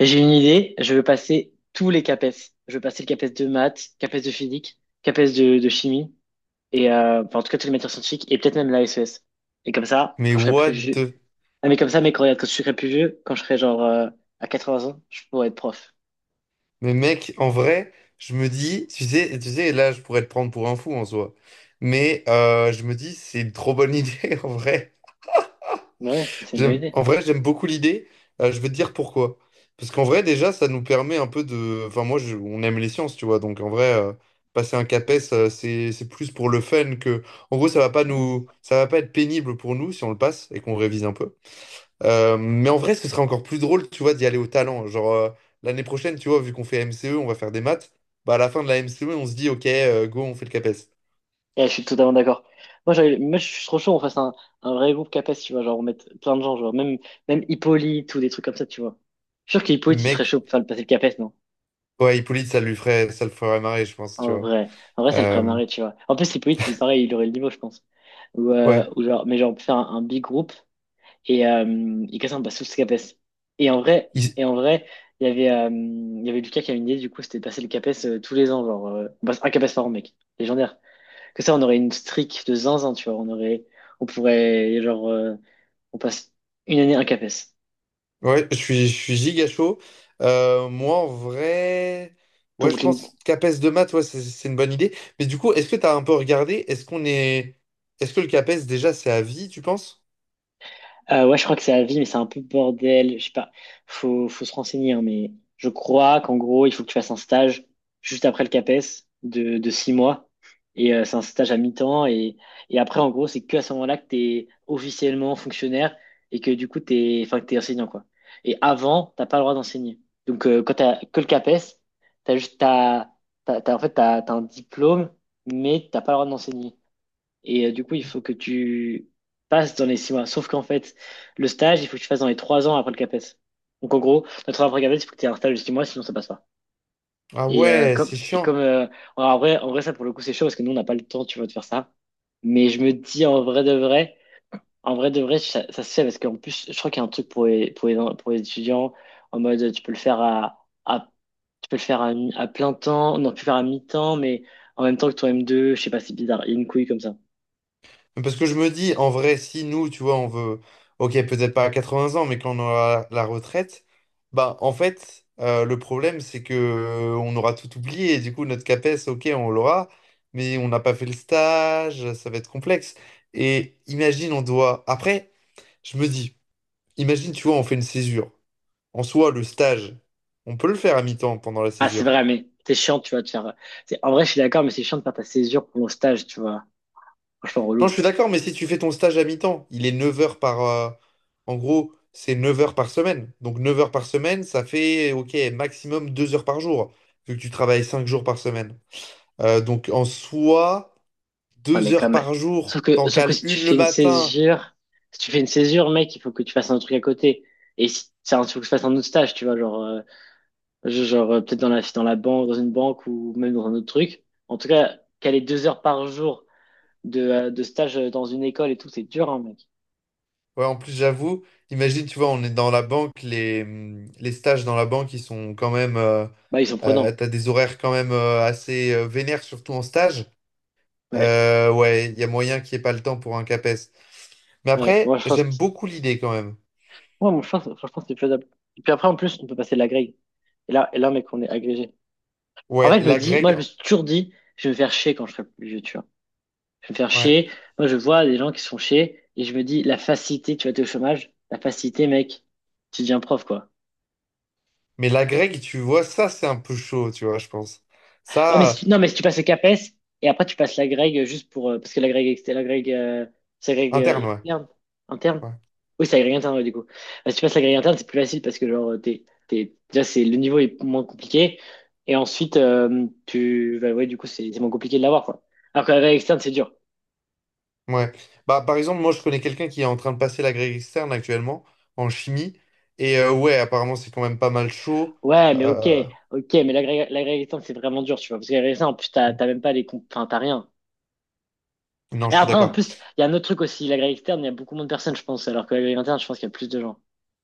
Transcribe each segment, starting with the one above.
J'ai une idée, je veux passer tous les CAPES. Je veux passer le CAPES de maths, CAPES de physique, CAPES de chimie, et enfin, en tout cas toutes les matières scientifiques, et peut-être même la SES. Et comme ça, Mais quand je serai plus what vieux. the... Ah mais comme ça, mais quand, regarde, quand je serai plus vieux, quand je serai genre, à 80 ans, je pourrai être prof. Mais mec, en vrai, je me dis, tu sais, là, je pourrais te prendre pour un fou en soi. Mais je me dis, c'est une trop bonne idée, en vrai. Mais ouais, c'est une bonne J'aime, idée. en vrai, j'aime beaucoup l'idée. Je veux te dire pourquoi. Parce qu'en vrai, déjà, ça nous permet un peu de... Enfin, moi, on aime les sciences, tu vois. Donc, en vrai, passer un CAPES, c'est plus pour le fun que... En gros, ça va pas nous... ça va pas être pénible pour nous si on le passe et qu'on révise un peu. Mais en vrai, ce serait encore plus drôle, tu vois, d'y aller au talent. Genre, l'année prochaine, tu vois, vu qu'on fait MCE, on va faire des maths. Bah, à la fin de la MCE, on se dit, OK, go, on fait le CAPES. Ouais, je suis totalement d'accord. Moi, je suis trop chaud, on fasse un vrai groupe CAPES, tu vois, genre on mette plein de gens, genre même, Hippolyte ou des trucs comme ça, tu vois. Je suis sûr Mais qu'Hippolyte, il serait Mec, chaud pour faire le passer le CAPES, non? ouais, Hippolyte, ça lui ferait, ça le ferait marrer, je pense, tu En vois. vrai, en vrai, ça le ferait Euh, marrer, tu vois. En plus, Hippolyte, il est pareil, il aurait le niveau, je pense. Ou, euh, ouais. ou genre, mais genre, on peut faire un big group et il casse un basse sous CAPES. Et en vrai, Il- et en vrai, il y avait Lucas qui avait une idée, du coup, c'était de passer le CAPES tous les ans, on passe un CAPES par an, mec. Légendaire. Que ça, on aurait une streak de zinzin, tu vois. On pourrait, on passe une année un CAPES. ouais, je suis giga chaud. Moi, en vrai, ouais, je pense CAPES de maths, ouais, c'est une bonne idée. Mais du coup, est-ce que t'as un peu regardé? Est-ce qu'on est. Est-ce que le CAPES, déjà, c'est à vie, tu penses? Ouais, je crois que c'est à vie, mais c'est un peu bordel. Je sais pas. Faut se renseigner, hein, mais je crois qu'en gros, il faut que tu fasses un stage juste après le CAPES de 6 mois. Et c'est un stage à mi-temps. Et après, en gros, c'est que à ce moment-là que tu es officiellement fonctionnaire et que du coup, enfin, que t'es enseignant, quoi. Et avant, t'as pas le droit d'enseigner. Donc, quand t'as que le CAPES, t'as juste, t'as, t'as, t'as- en fait, t'as un diplôme, mais t'as pas le droit d'enseigner. Et du coup, il faut que tu passes dans les 6 mois. Sauf qu'en fait, le stage, il faut que tu fasses dans les 3 ans après le CAPES. Donc en gros, notre après le CAPES, il faut que tu aies un stage de 6 mois, sinon ça passe pas. Ah Et euh, ouais, c'est comme, et chiant. comme euh, en vrai, ça pour le coup, c'est chaud parce que nous, on n'a pas le temps, tu vois, de faire ça. Mais je me dis en vrai de vrai, ça se fait parce qu'en plus, je crois qu'il y a un truc pour les étudiants en mode tu peux le faire à plein temps, non, tu peux le faire à mi-temps, mais en même temps que ton M2, je sais pas, c'est bizarre, il y a une couille comme ça. Parce que je me dis, en vrai, si nous, tu vois, on veut, ok, peut-être pas à 80 ans, mais quand on aura la retraite, bah, en fait, le problème, c'est que on aura tout oublié. Et du coup, notre CAPES, ok, on l'aura, mais on n'a pas fait le stage, ça va être complexe. Et imagine, on doit. Après, je me dis, imagine, tu vois, on fait une césure. En soi, le stage, on peut le faire à mi-temps pendant la Ah, c'est césure. vrai, mais c'est chiant, tu vois, de faire. En vrai, je suis d'accord, mais c'est chiant de faire ta césure pour mon stage, tu vois. Franchement, Non, je relou. suis d'accord, mais si tu fais ton stage à mi-temps, il est 9 heures par... en gros, c'est 9 heures par semaine. Donc 9 heures par semaine, ça fait, ok, maximum 2 heures par jour, vu que tu travailles 5 jours par semaine. Donc en soi, Ouais, 2 mais heures comme. par Sauf jour, que, t'en sauf que cales si tu une le fais une matin. césure, si tu fais une césure, mec, il faut que tu fasses un truc à côté. Et si c'est un truc que tu fasses un autre stage, tu vois, genre, peut-être dans la banque, dans une banque ou même dans un autre truc. En tout cas, caler 2 heures par jour de stage dans une école et tout, c'est dur, hein, mec. Ouais, en plus, j'avoue, imagine, tu vois, on est dans la banque, les stages dans la banque, ils sont quand même... Bah, ils sont prenants. t'as des horaires quand même assez vénères, surtout en stage. Ouais, Ouais, il y a moyen qu'il n'y ait pas le temps pour un CAPES. Mais ouais. Moi, après, je pense que j'aime beaucoup l'idée quand même. Ouais, moi, je pense, franchement, c'est faisable. Et puis après, en plus, on peut passer de la grille. Et là, mec, on est agrégé. En Ouais, fait, je me la dis, moi, Greg, je me suis toujours dit, je vais me faire chier quand je serai plus vieux, tu vois. Je vais me faire ouais. chier. Moi, je vois des gens qui se font chier et je me dis, la facilité, tu vas être au chômage, la facilité, mec, tu deviens prof, quoi. Mais la Greg, tu vois, ça, c'est un peu chaud, tu vois, je pense. Ouais, mais si Ça, tu- non, mais si tu passes le CAPES et après tu passes la Greg juste pour. Parce que la Greg, c'est la euh, interne, ouais. externe, interne. Ouais. Oui, c'est la Greg interne, ouais, du coup. Si tu passes la Greg interne, c'est plus facile parce que t'es, déjà, le niveau est moins compliqué. Et ensuite, tu. Bah, ouais, du coup, c'est moins compliqué de l'avoir, quoi. Alors que la Greg externe, c'est dur. Ouais. Bah, par exemple, moi, je connais quelqu'un qui est en train de passer la Greg externe actuellement, en chimie. Et ouais, apparemment, c'est quand même pas mal chaud. Ouais, mais ok, Euh, ok, mais la Greg externe, c'est vraiment dur, tu vois. Parce que la Greg externe, en plus, t'as même pas Enfin, t'as rien. Non, Et je suis après, en d'accord. plus, il y a un autre truc aussi. La Greg externe, il y a beaucoup moins de personnes, je pense. Alors que la Greg interne, je pense qu'il y a plus de gens.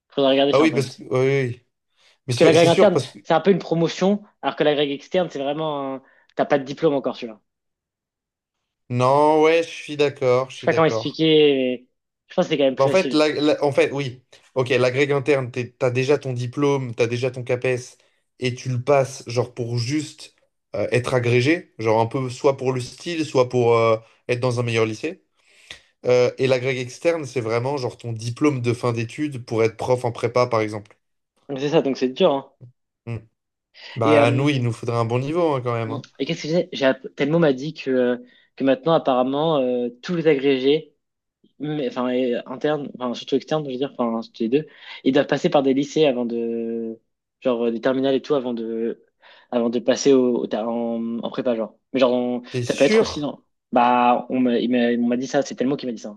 Faudrait regarder Bah sur oui, parce que... Internet. Oui, oui, oui. Mais Parce que la grègue c'est sûr, interne, parce que... c'est un peu une promotion, alors que la grègue externe, c'est vraiment un. T'as pas de diplôme encore, tu vois. Non, ouais, je suis d'accord, je Je sais suis pas comment d'accord. expliquer, mais je pense que c'est quand même Bah, plus en fait, facile. En fait, oui. Ok, l'agrég interne, t'as déjà ton diplôme, t'as déjà ton CAPES, et tu le passes, genre, pour juste être agrégé, genre un peu soit pour le style, soit pour être dans un meilleur lycée. Et l'agrég externe, c'est vraiment, genre, ton diplôme de fin d'études pour être prof en prépa, par exemple. Donc c'est ça, donc c'est dur, hein. Hmm. Et, Bah, nous, il euh, nous faudrait un bon niveau, hein, quand même, hein. et qu'est-ce que j'ai? Telmo m'a dit que maintenant, apparemment, tous les agrégés mais enfin interne, enfin surtout externe, je veux dire, enfin surtout les deux, ils doivent passer par des lycées avant de, genre, des terminales et tout avant de passer en prépa genre. Mais genre T'es ça peut être aussi, sûr? non. Bah on m'a dit ça, c'est tellement qui m'a dit ça.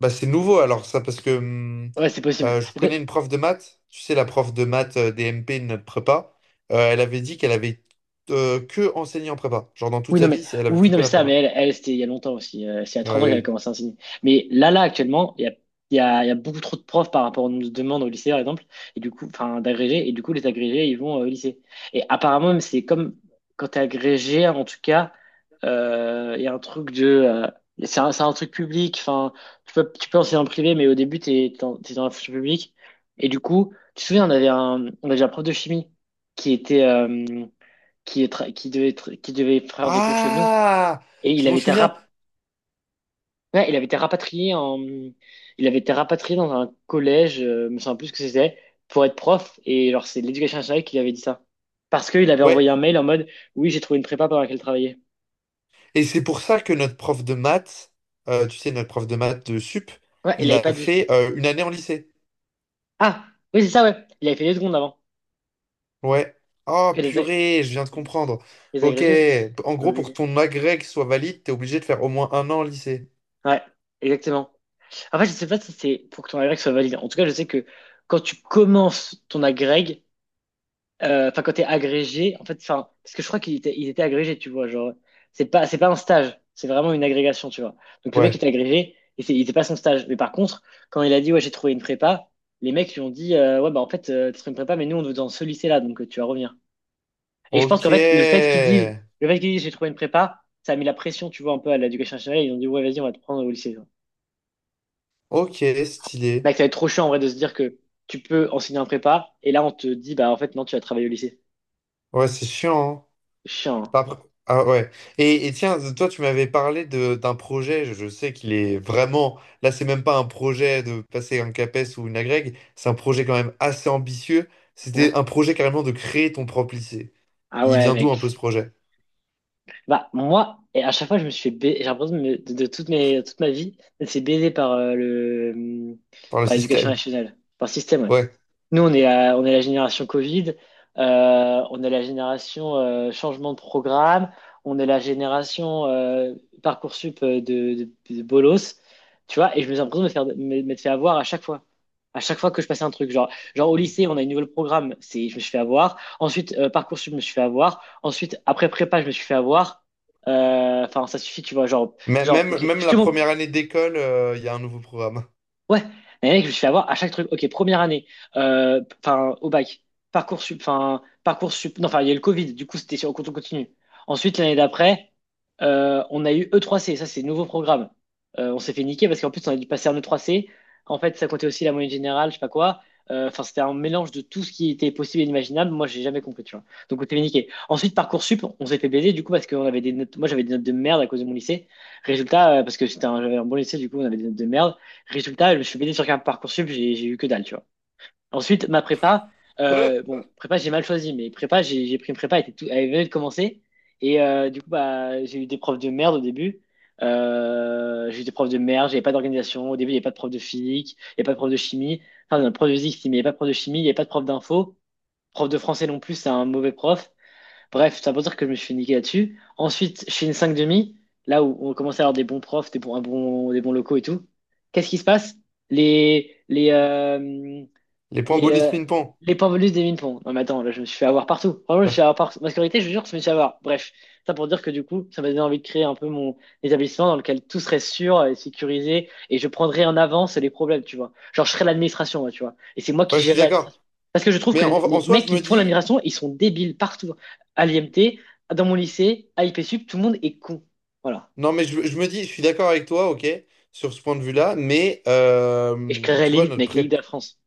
Bah, c'est nouveau alors ça parce que Ouais, c'est possible. Je connais une prof de maths, tu sais la prof de maths des MP de notre prépa, elle avait dit qu'elle avait que enseigné en prépa, genre dans toute Oui, non, sa mais, vie elle avait oui, fait non, que mais la prépa. elle, elle c'était il y a longtemps aussi. C'est à Ouais, 30 ans qu'elle a oui. commencé à enseigner. Mais là, là, actuellement, il y a, il y a, il y a beaucoup trop de profs par rapport aux demandes au lycée, par exemple, et du coup, enfin, d'agrégés, et du coup, les agrégés, ils vont au lycée. Et apparemment, même, c'est comme quand t'es agrégé, en tout cas, il y a un truc de. C'est un, truc public, enfin, tu peux enseigner en privé, mais au début, t'es dans la fonction publique. Et du coup, tu te souviens, on avait un prof de chimie qui était. Qui devait faire des cours chez nous. Ah, Et il je m'en avait été, souviens. Ouais, il avait été rapatrié dans un collège, je me souviens plus ce que c'était, pour être prof. Et alors, c'est l'éducation nationale qui lui avait dit ça. Parce qu'il avait envoyé Ouais. un mail en mode, oui, j'ai trouvé une prépa pendant laquelle travailler. Et c'est pour ça que notre prof de maths, tu sais notre prof de maths de sup, Ouais, il il l'avait a pas dit. fait une année en lycée. Ah, oui, c'est ça, ouais. Il avait fait deux secondes avant. Ouais. Oh Puis purée, je viens de comprendre. les Ok. agrégés, c'est En c'est pas gros, pour que obligé. ton agrég soit valide, t'es obligé de faire au moins un an en lycée. Ouais, exactement. En fait, je sais pas si c'est pour que ton agrég soit valide. En tout cas, je sais que quand tu commences ton agrég. Enfin, quand t'es agrégé, en fait, enfin, parce que je crois qu'il était agrégé, tu vois, genre, c'est pas un stage, c'est vraiment une agrégation, tu vois. Donc le mec Ouais. était agrégé et il était pas son stage. Mais par contre, quand il a dit ouais, j'ai trouvé une prépa, les mecs lui ont dit ouais bah en fait t'as trouvé une prépa, mais nous on te veut dans ce lycée-là, donc tu vas revenir. Et je pense Ok, qu'en fait le fait qu'ils disent j'ai trouvé une prépa, ça a mis la pression, tu vois, un peu à l'éducation nationale. Ils ont dit ouais vas-y on va te prendre au lycée. ok, stylé. Mec, ça va être trop chiant en vrai de se dire que tu peux enseigner un prépa et là on te dit bah en fait non tu vas travailler au lycée. Ouais, c'est chiant, hein. Chiant, hein. Pas pr- Ah ouais. Et tiens, toi, tu m'avais parlé de d'un projet. Je sais qu'il est vraiment. Là, c'est même pas un projet de passer un CAPES ou une agrég. C'est un projet quand même assez ambitieux. C'était Ouais. un projet carrément de créer ton propre lycée. Ah, Il ouais, vient d'où un peu ce mec. projet? Bah, moi, et à chaque fois, je me suis fait ba- j'ai l'impression de toute ma vie, c'est baisé par euh, le, hum, Par le par l'éducation système. nationale, par le système, ouais. Ouais. Nous, on est la génération Covid, on est la génération changement de programme, on est la génération Parcoursup de bolos, tu vois, et je me suis l'impression de m'être fait avoir à chaque fois. À chaque fois que je passais un truc, genre au lycée, on a une nouvelle programme, je me suis fait avoir. Ensuite, Parcoursup, je me suis fait avoir. Ensuite, après prépa, je me suis fait avoir. Enfin, ça suffit, tu vois, genre, Mê- genre, Même, ok, même je te la montre. première année d'école, il y a un nouveau programme. Ouais, mais mec, je me suis fait avoir à chaque truc. Ok, première année, enfin au bac, Parcoursup, enfin Parcoursup, non, enfin il y a eu le Covid, du coup c'était sur cours continu. Ensuite, l'année d'après, on a eu E3C, ça c'est nouveau programme. On s'est fait niquer parce qu'en plus on a dû passer en E3C. En fait, ça comptait aussi la moyenne générale, je sais pas quoi. Enfin, c'était un mélange de tout ce qui était possible et inimaginable. Moi, j'ai jamais compris, tu vois. Donc, on s'est fait niquer. Ensuite, Parcoursup, on s'est fait baiser, du coup, parce qu'on avait des notes. Moi, j'avais des notes de merde à cause de mon lycée. Résultat, parce que c'était un, j'avais un bon lycée, du coup, on avait des notes de merde. Résultat, je me suis baigné sur Parcoursup, j'ai eu que dalle, tu vois. Ensuite, ma prépa, bon, prépa, j'ai mal choisi, mais prépa, j'ai pris une prépa, elle, était tout, elle venait de commencer. Et du coup, bah, j'ai eu des profs de merde au début. J'ai eu des profs de merde, j'avais pas d'organisation. Au début, il n'y avait pas de prof de physique, il n'y avait pas de prof de chimie. Enfin, non, prof de physique, si, mais il n'y avait pas de prof de chimie, il n'y avait pas de prof d'info. Prof de français non plus, c'est un mauvais prof. Bref, ça veut dire que je me suis fait niquer là-dessus. Ensuite, je fais une 5 demi, là où on commençait à avoir des bons profs, des bons, des bons locaux et tout. Qu'est-ce qui se passe? Les, les, euh, Les points les, bonus euh, ping-pong. les points bonus des mine-ponts. Non, mais attends, là, je me suis fait avoir partout. Vraiment, je me suis fait Ah, avoir partout. Ma scolarité, je vous jure, je me suis fait avoir. Bref, ça pour dire que du coup, ça m'a donné envie de créer un peu mon établissement dans lequel tout serait sûr et sécurisé et je prendrais en avance les problèmes, tu vois. Genre, je serais l'administration, moi, tu vois. Et c'est moi qui ouais, je suis gérerais d'accord. l'administration. Parce que je trouve Mais que en, en les soi, mecs je qui me font dis. l'administration, ils sont débiles partout. À l'IMT, dans mon lycée, à I P Sup tout le monde est con. Voilà. Non, mais je me dis, je suis d'accord avec toi, ok, sur ce point de vue-là, mais Et je créerais tu vois, l'élite, notre mec, l'élite de prépa. la France.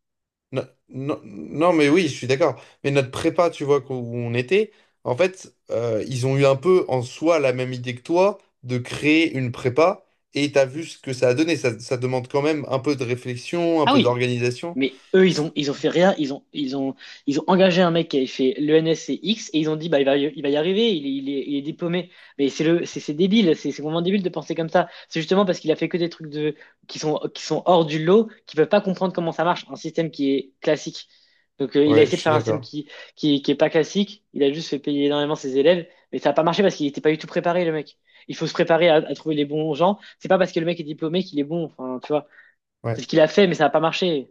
No- Non, mais oui, je suis d'accord. Mais notre prépa, tu vois, où on était, en fait, ils ont eu un peu en soi la même idée que toi de créer une prépa et t'as vu ce que ça a donné. Ça demande quand même un peu de réflexion, un Ah peu oui. d'organisation. Mais eux, C'est- ils ont fait rien. Ils ont engagé un mec qui avait fait l'ENSCX et ils ont dit, bah, il va y arriver, il est diplômé. Mais c'est débile, c'est vraiment débile de penser comme ça. C'est justement parce qu'il a fait que des trucs de, qui sont hors du lot, qui peuvent pas comprendre comment ça marche, un système qui est classique. Donc, il a Ouais, je essayé de suis faire un système d'accord. Qui est pas classique. Il a juste fait payer énormément ses élèves, mais ça a pas marché parce qu'il était pas du tout préparé, le mec. Il faut se préparer à trouver les bons gens. C'est pas parce que le mec est diplômé qu'il est bon. Enfin, tu vois, c'est ce Ouais. qu'il a fait, mais ça a pas marché.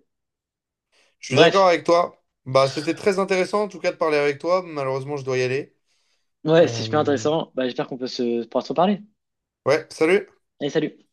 Je suis d'accord Bref. avec toi. Bah, c'était très intéressant en tout cas de parler avec toi. Malheureusement, je dois y aller. Ouais, c'est super Euh, intéressant. Bah, j'espère qu'on peut se, pouvoir se reparler. Ouais, salut! Allez, salut.